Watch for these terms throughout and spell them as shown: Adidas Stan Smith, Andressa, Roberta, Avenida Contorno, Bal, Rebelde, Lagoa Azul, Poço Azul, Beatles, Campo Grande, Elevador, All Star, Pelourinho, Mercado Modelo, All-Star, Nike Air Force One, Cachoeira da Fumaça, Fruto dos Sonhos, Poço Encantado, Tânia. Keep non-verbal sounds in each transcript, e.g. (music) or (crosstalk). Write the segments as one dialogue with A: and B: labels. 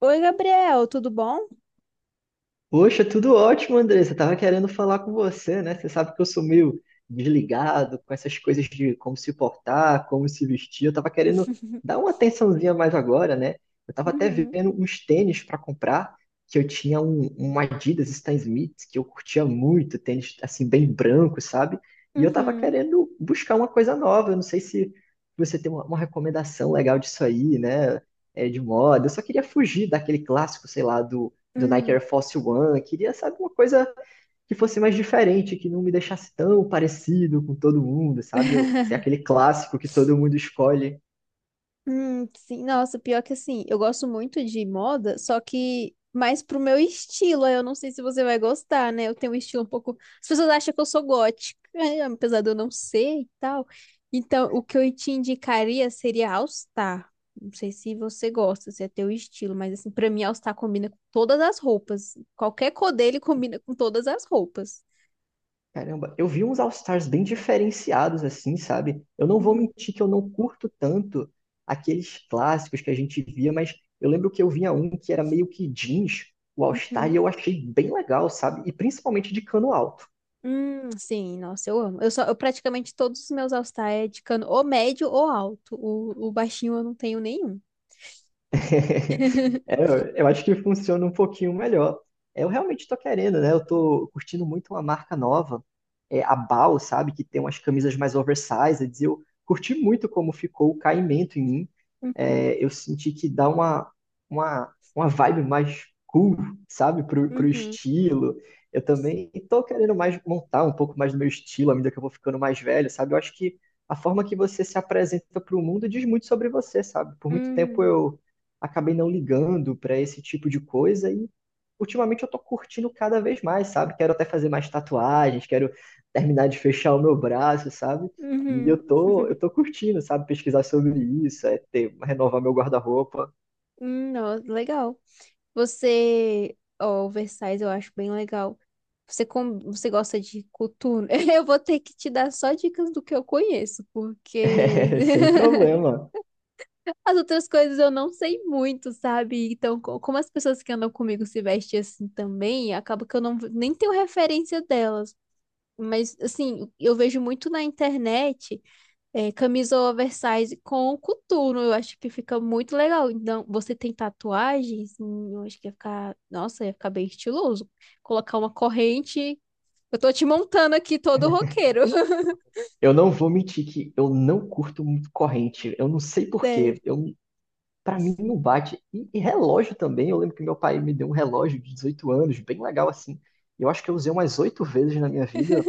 A: Oi, Gabriel, tudo bom?
B: Poxa, tudo ótimo, Andressa. Tava querendo falar com você, né? Você sabe que eu sou meio desligado com essas coisas de como se portar, como se vestir. Eu tava querendo dar uma atençãozinha mais agora, né? Eu tava até
A: Uhum.
B: vendo uns tênis para comprar, que eu tinha um Adidas Stan Smith, que eu curtia muito, tênis assim bem branco, sabe? E eu tava
A: Uhum.
B: querendo buscar uma coisa nova. Eu não sei se você tem uma recomendação legal disso aí, né? É, de moda. Eu só queria fugir daquele clássico, sei lá, do Nike
A: Hum.
B: Air Force One, queria, sabe, uma coisa que fosse mais diferente, que não me deixasse tão parecido com todo mundo, sabe? Eu,
A: (laughs)
B: ser aquele clássico que todo mundo escolhe.
A: Sim, nossa, pior que assim, eu gosto muito de moda, só que mais pro meu estilo, aí eu não sei se você vai gostar, né? Eu tenho um estilo um pouco. As pessoas acham que eu sou gótica, (laughs) né? Apesar de eu não ser e tal. Então, o que eu te indicaria seria All Star. Não sei se você gosta, se é teu estilo, mas assim, pra mim, All Star combina com todas as roupas. Qualquer cor dele combina com todas as roupas.
B: Caramba, eu vi uns All-Stars bem diferenciados, assim, sabe? Eu não vou
A: Uhum.
B: mentir que eu não curto tanto aqueles clássicos que a gente via, mas eu lembro que eu vinha um que era meio que jeans, o All-Star, e
A: Uhum.
B: eu achei bem legal, sabe? E principalmente de cano alto.
A: Sim, nossa, eu amo. Eu praticamente todos os meus All-Star é de cano ou médio ou alto. O baixinho eu não tenho nenhum.
B: (laughs) É, eu acho que funciona um pouquinho melhor. Eu realmente tô querendo, né? Eu tô curtindo muito uma marca nova, é a Bal, sabe? Que tem umas camisas mais oversized. E eu curti muito como ficou o caimento em mim.
A: Uhum.
B: É, eu senti que dá uma, uma vibe mais cool, sabe? Pro
A: Uhum.
B: estilo. Eu também tô querendo mais montar um pouco mais do meu estilo à medida que eu vou ficando mais velho, sabe? Eu acho que a forma que você se apresenta para o mundo diz muito sobre você, sabe? Por muito tempo
A: Uhum.
B: eu acabei não ligando para esse tipo de coisa e ultimamente eu tô curtindo cada vez mais, sabe? Quero até fazer mais tatuagens, quero terminar de fechar o meu braço, sabe? E
A: Uhum.
B: eu
A: (laughs)
B: tô curtindo, sabe? Pesquisar sobre isso, é ter, renovar meu guarda-roupa,
A: Nossa, legal. Oversize eu acho bem legal. Você gosta de coturno? (laughs) Eu vou ter que te dar só dicas do que eu conheço,
B: (laughs)
A: porque
B: é, sem
A: (laughs)
B: problema.
A: as outras coisas eu não sei muito, sabe? Então, como as pessoas que andam comigo se vestem assim também, acaba que eu não nem tenho referência delas. Mas, assim, eu vejo muito na internet camisa oversize com coturno. Eu acho que fica muito legal. Então, você tem tatuagens? Hum. Eu acho que ia ficar. Nossa, ia ficar bem estiloso. Colocar uma corrente. Eu tô te montando aqui todo roqueiro. (laughs)
B: Eu não vou mentir que eu não curto muito corrente. Eu não sei por quê.
A: Sério.
B: Eu, para mim não bate. E relógio também. Eu lembro que meu pai me deu um relógio de 18 anos, bem legal assim. Eu acho que eu usei umas 8 vezes na minha vida.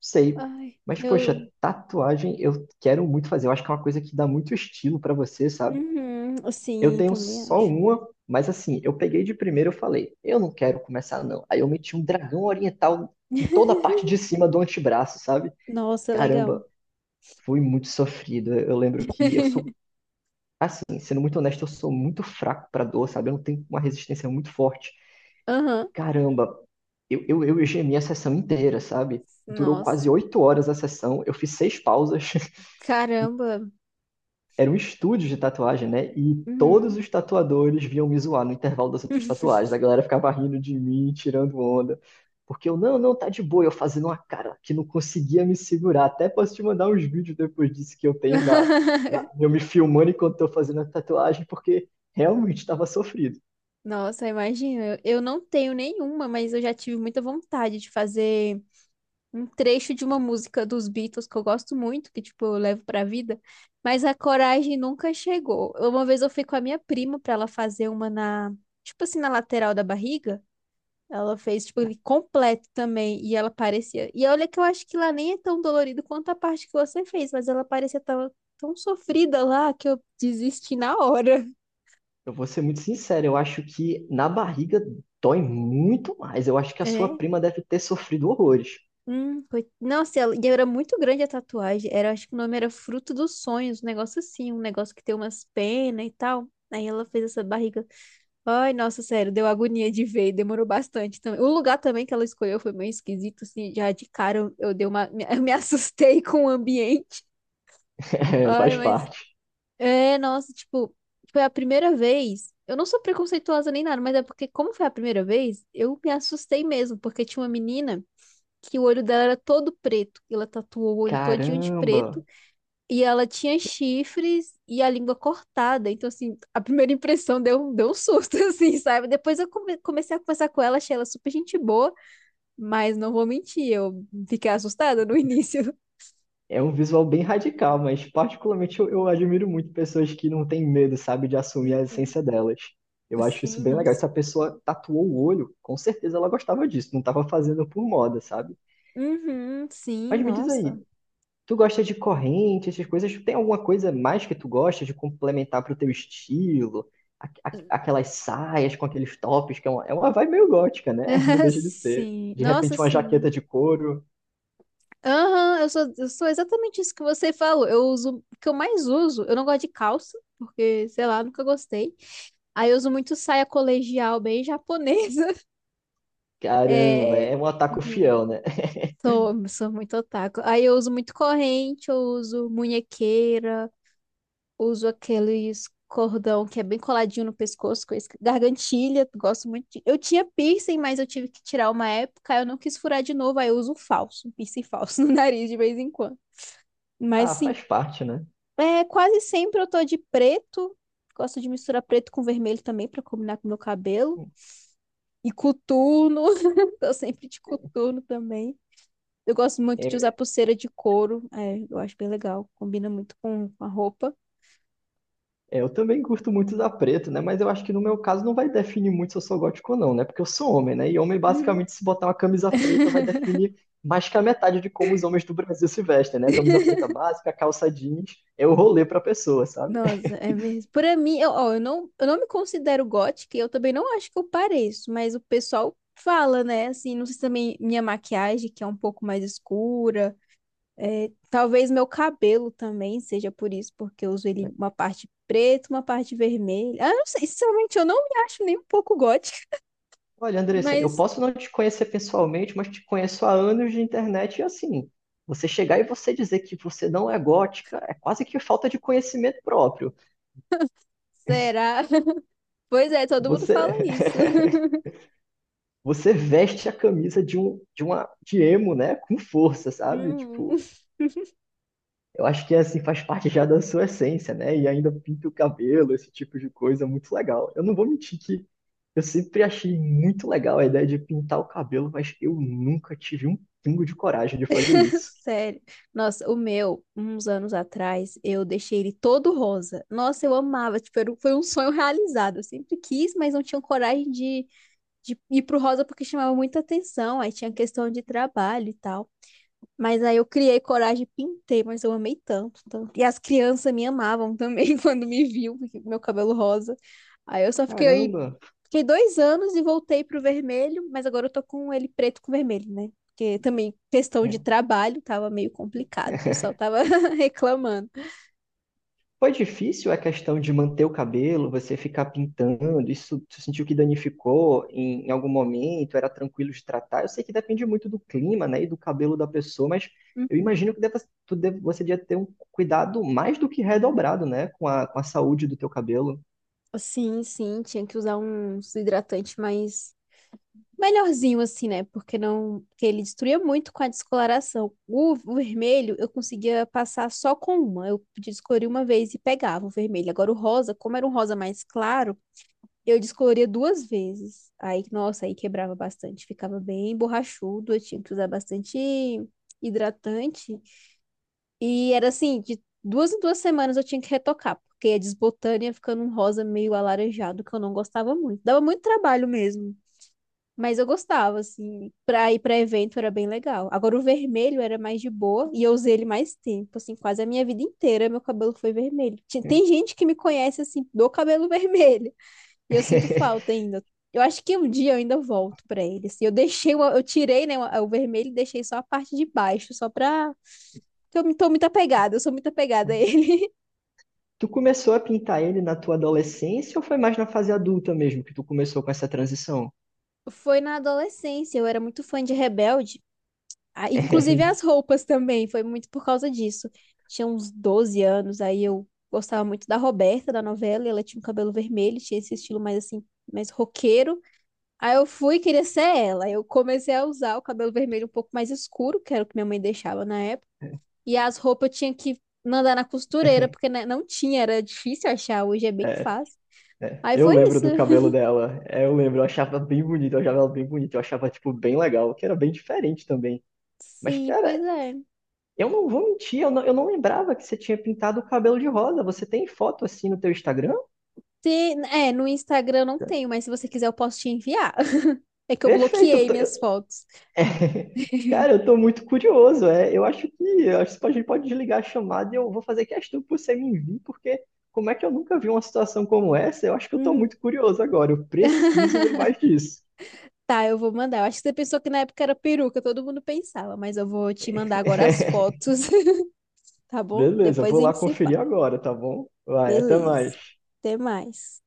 B: Sei.
A: Ai,
B: Mas,
A: eu.
B: poxa, tatuagem eu quero muito fazer. Eu acho que é uma coisa que dá muito estilo pra você, sabe?
A: Uhum,
B: Eu
A: sim,
B: tenho
A: também
B: só
A: acho.
B: uma, mas assim, eu peguei de primeiro e falei, eu não quero começar, não. Aí eu meti um dragão oriental em toda a
A: (laughs)
B: parte de cima do antebraço, sabe?
A: Nossa, legal.
B: Caramba, foi muito sofrido. Eu lembro que eu sou,
A: (laughs)
B: assim, sendo muito honesto, eu sou muito fraco pra dor, sabe? Eu não tenho uma resistência muito forte.
A: Aham.
B: Caramba, eu gemi a sessão inteira, sabe? Durou
A: Nossa.
B: quase 8 horas a sessão, eu fiz seis pausas. (laughs)
A: Caramba.
B: Era um estúdio de tatuagem, né? E todos
A: Uhum.
B: os tatuadores vinham me zoar no intervalo das outras tatuagens. A galera ficava rindo de mim, tirando onda. Porque eu, não, não, tá de boa. Eu fazendo uma cara que não conseguia me segurar. Até posso te mandar uns vídeos depois disso que eu tenho da, eu
A: (laughs)
B: me filmando enquanto tô fazendo a tatuagem, porque realmente estava sofrido.
A: Nossa, imagina. Eu não tenho nenhuma, mas eu já tive muita vontade de fazer um trecho de uma música dos Beatles que eu gosto muito, que tipo, eu levo pra vida, mas a coragem nunca chegou. Uma vez eu fui com a minha prima pra ela fazer uma na, tipo assim, na lateral da barriga. Ela fez, tipo, ele completo também. E ela parecia. E olha que eu acho que lá nem é tão dolorido quanto a parte que você fez, mas ela parecia tão, tão sofrida lá que eu desisti na hora.
B: Eu vou ser muito sincero, eu acho que na barriga dói muito mais. Eu acho que a sua
A: É.
B: prima deve ter sofrido horrores. (laughs)
A: Nossa, ela... e era muito grande a tatuagem. Era, acho que o nome era Fruto dos Sonhos, um negócio assim, um negócio que tem umas penas e tal. Aí ela fez essa barriga. Ai, nossa, sério, deu agonia de ver, demorou bastante também. O lugar também que ela escolheu foi meio esquisito, assim, já de cara eu dei uma, me, (laughs) eu me assustei com o ambiente.
B: É,
A: Ai,
B: faz
A: mas
B: parte.
A: é, nossa, tipo, foi a primeira vez. Eu não sou preconceituosa nem nada, mas é porque, como foi a primeira vez, eu me assustei mesmo, porque tinha uma menina que o olho dela era todo preto. Ela tatuou o olho todinho de preto
B: Caramba!
A: e ela tinha chifres e a língua cortada. Então, assim, a primeira impressão deu um susto, (laughs) assim, sabe? Depois eu comecei a conversar com ela, achei ela super gente boa, mas não vou mentir, eu fiquei assustada no (laughs) início.
B: É um visual bem radical, mas particularmente eu admiro muito pessoas que não têm medo, sabe, de assumir a
A: Uhum.
B: essência delas. Eu acho isso
A: Sim,
B: bem legal.
A: nossa.
B: Se a pessoa tatuou o olho, com certeza ela gostava disso, não estava fazendo por moda, sabe?
A: Uhum, sim,
B: Mas me diz aí,
A: nossa.
B: tu gosta de corrente, essas coisas? Tem alguma coisa mais que tu gosta de complementar pro teu estilo? Aquelas saias com aqueles tops, que é uma vibe meio gótica, né? (laughs) Não
A: (laughs)
B: deixa de ser.
A: Sim,
B: De
A: nossa,
B: repente uma
A: sim.
B: jaqueta de couro.
A: Aham, eu sou exatamente isso que você falou. O que eu mais uso, eu não gosto de calça, porque, sei lá, nunca gostei. Aí eu uso muito saia colegial, bem japonesa. (laughs)
B: Caramba, é
A: É.
B: um ataque
A: Uhum.
B: fiel, né?
A: Sou muito otaku. Aí eu uso muito corrente, eu uso munhequeira, uso aqueles cordão que é bem coladinho no pescoço, com gargantilha, gosto muito. Eu tinha piercing, mas eu tive que tirar uma época, eu não quis furar de novo, aí eu uso um falso, um piercing falso (laughs) no nariz de vez em quando.
B: (laughs)
A: Mas
B: Ah,
A: sim,
B: faz parte, né?
A: é, quase sempre eu tô de preto, gosto de misturar preto com vermelho também pra combinar com meu cabelo. E coturno, (laughs) tô sempre de coturno também. Eu gosto muito de usar
B: É,
A: pulseira de couro, é, eu acho bem legal, combina muito com a roupa.
B: Eu também curto muito usar preto, né? Mas eu acho que no meu caso não vai definir muito se eu sou gótico ou não, né? Porque eu sou homem, né? E homem,
A: Uhum.
B: basicamente, se botar uma camisa preta, vai
A: (laughs)
B: definir mais que a metade de como os homens do Brasil se vestem, né? A camisa preta básica, a calça jeans, é o rolê pra pessoa, sabe? (laughs)
A: Nossa, é mesmo. Para mim, eu, ó, eu não me considero gótica, e eu também não acho que eu pareço, mas o pessoal fala, né? Assim, não sei se também minha maquiagem, que é um pouco mais escura, é, talvez meu cabelo também seja por isso, porque eu uso ele uma parte preta, uma parte vermelha. Ah, eu não sei, sinceramente, eu não me acho nem um pouco gótica,
B: Olha, Andressa, eu
A: mas
B: posso não te conhecer pessoalmente, mas te conheço há anos de internet e assim, você chegar e você dizer que você não é gótica é quase que falta de conhecimento próprio.
A: será? (laughs) Pois é, todo mundo fala
B: Você.
A: isso. (laughs)
B: (laughs) Você veste a camisa de um de uma de emo, né? Com força, sabe?
A: Uhum.
B: Tipo, eu acho que assim faz parte já da sua essência, né? E ainda pinta o cabelo, esse tipo de coisa, muito legal. Eu não vou mentir que eu sempre achei muito legal a ideia de pintar o cabelo, mas eu nunca tive um pingo de coragem de fazer isso.
A: Sério. Nossa, o meu, uns anos atrás, eu deixei ele todo rosa. Nossa, eu amava. Foi um sonho realizado. Eu sempre quis, mas não tinha coragem de ir pro rosa porque chamava muita atenção. Aí tinha questão de trabalho e tal. Mas aí eu criei coragem e pintei, mas eu amei tanto, tanto. E as crianças me amavam também (laughs) quando me viam, porque meu cabelo rosa. Aí eu só fiquei
B: Caramba!
A: Fiquei 2 anos e voltei pro vermelho, mas agora eu tô com ele preto com vermelho, né? Porque também questão de
B: É.
A: trabalho tava meio complicado, o pessoal
B: (laughs)
A: tava (laughs) reclamando.
B: Foi difícil a questão de manter o cabelo, você ficar pintando, isso tu sentiu que danificou em algum momento, era tranquilo de tratar? Eu sei que depende muito do clima, né, e do cabelo da pessoa, mas eu
A: Hum.
B: imagino que deva, tu deve, você devia ter um cuidado mais do que redobrado, né, com a saúde do teu cabelo.
A: Sim, sim, tinha que usar uns hidratantes mais melhorzinho assim, né? Porque não, porque ele destruía muito com a descoloração. O vermelho eu conseguia passar só com uma, eu podia escolher uma vez e pegava o vermelho. Agora o rosa, como era um rosa mais claro, eu descoloria 2 vezes. Aí, nossa, aí quebrava bastante. Ficava bem borrachudo. Eu tinha que usar bastante hidratante. E era assim, de 2 em 2 semanas eu tinha que retocar, porque ia desbotando e ia ficando um rosa meio alaranjado, que eu não gostava muito. Dava muito trabalho mesmo. Mas eu gostava, assim, pra ir pra evento era bem legal. Agora o vermelho era mais de boa e eu usei ele mais tempo, assim, quase a minha vida inteira meu cabelo foi vermelho. Tem gente que me conhece, assim, do cabelo (laughs) vermelho. E eu sinto falta
B: (laughs)
A: ainda. Eu acho que um dia eu ainda volto pra ele. Assim. Eu tirei, né, o vermelho e deixei só a parte de baixo, só pra. Tô muito apegada, eu sou muito apegada a ele.
B: Tu começou a pintar ele na tua adolescência ou foi mais na fase adulta mesmo que tu começou com essa transição?
A: (laughs) Foi na adolescência, eu era muito fã de Rebelde. Ah, inclusive as
B: (laughs)
A: roupas também, foi muito por causa disso. Tinha uns 12 anos, aí eu gostava muito da Roberta, da novela, e ela tinha um cabelo vermelho, tinha esse estilo mais assim, mais roqueiro. Aí eu fui e queria ser ela. Eu comecei a usar o cabelo vermelho um pouco mais escuro, que era o que minha mãe deixava na época. E as roupas eu tinha que mandar na costureira, porque né, não tinha, era difícil achar, hoje é bem fácil.
B: É,
A: Aí
B: eu
A: foi
B: lembro
A: isso.
B: do
A: (laughs)
B: cabelo dela. É, eu lembro, eu achava bem bonito, eu achava ela bem bonita, eu achava, tipo, bem legal, que era bem diferente também. Mas,
A: Sim,
B: cara,
A: pois é.
B: eu não vou mentir, eu não lembrava que você tinha pintado o cabelo de rosa. Você tem foto assim no teu Instagram?
A: É, no Instagram eu não tenho, mas se você quiser eu posso te enviar. (laughs) É que eu
B: Perfeito,
A: bloqueei minhas fotos.
B: (laughs) Cara, eu tô muito curioso. É, eu acho que a gente pode desligar a chamada e eu vou fazer questão que você me envie, porque como é que eu nunca vi uma situação como essa? Eu acho que eu tô
A: Uhum.
B: muito curioso agora. Eu preciso ver mais
A: (laughs)
B: disso.
A: Tá, eu vou mandar. Eu acho que você pensou que na época era peruca, todo mundo pensava, mas eu vou te mandar agora as
B: (laughs)
A: fotos, (laughs) tá bom?
B: Beleza,
A: Depois
B: vou
A: a
B: lá
A: gente se fala.
B: conferir agora, tá bom? Vai, até
A: Beleza.
B: mais.
A: Até mais.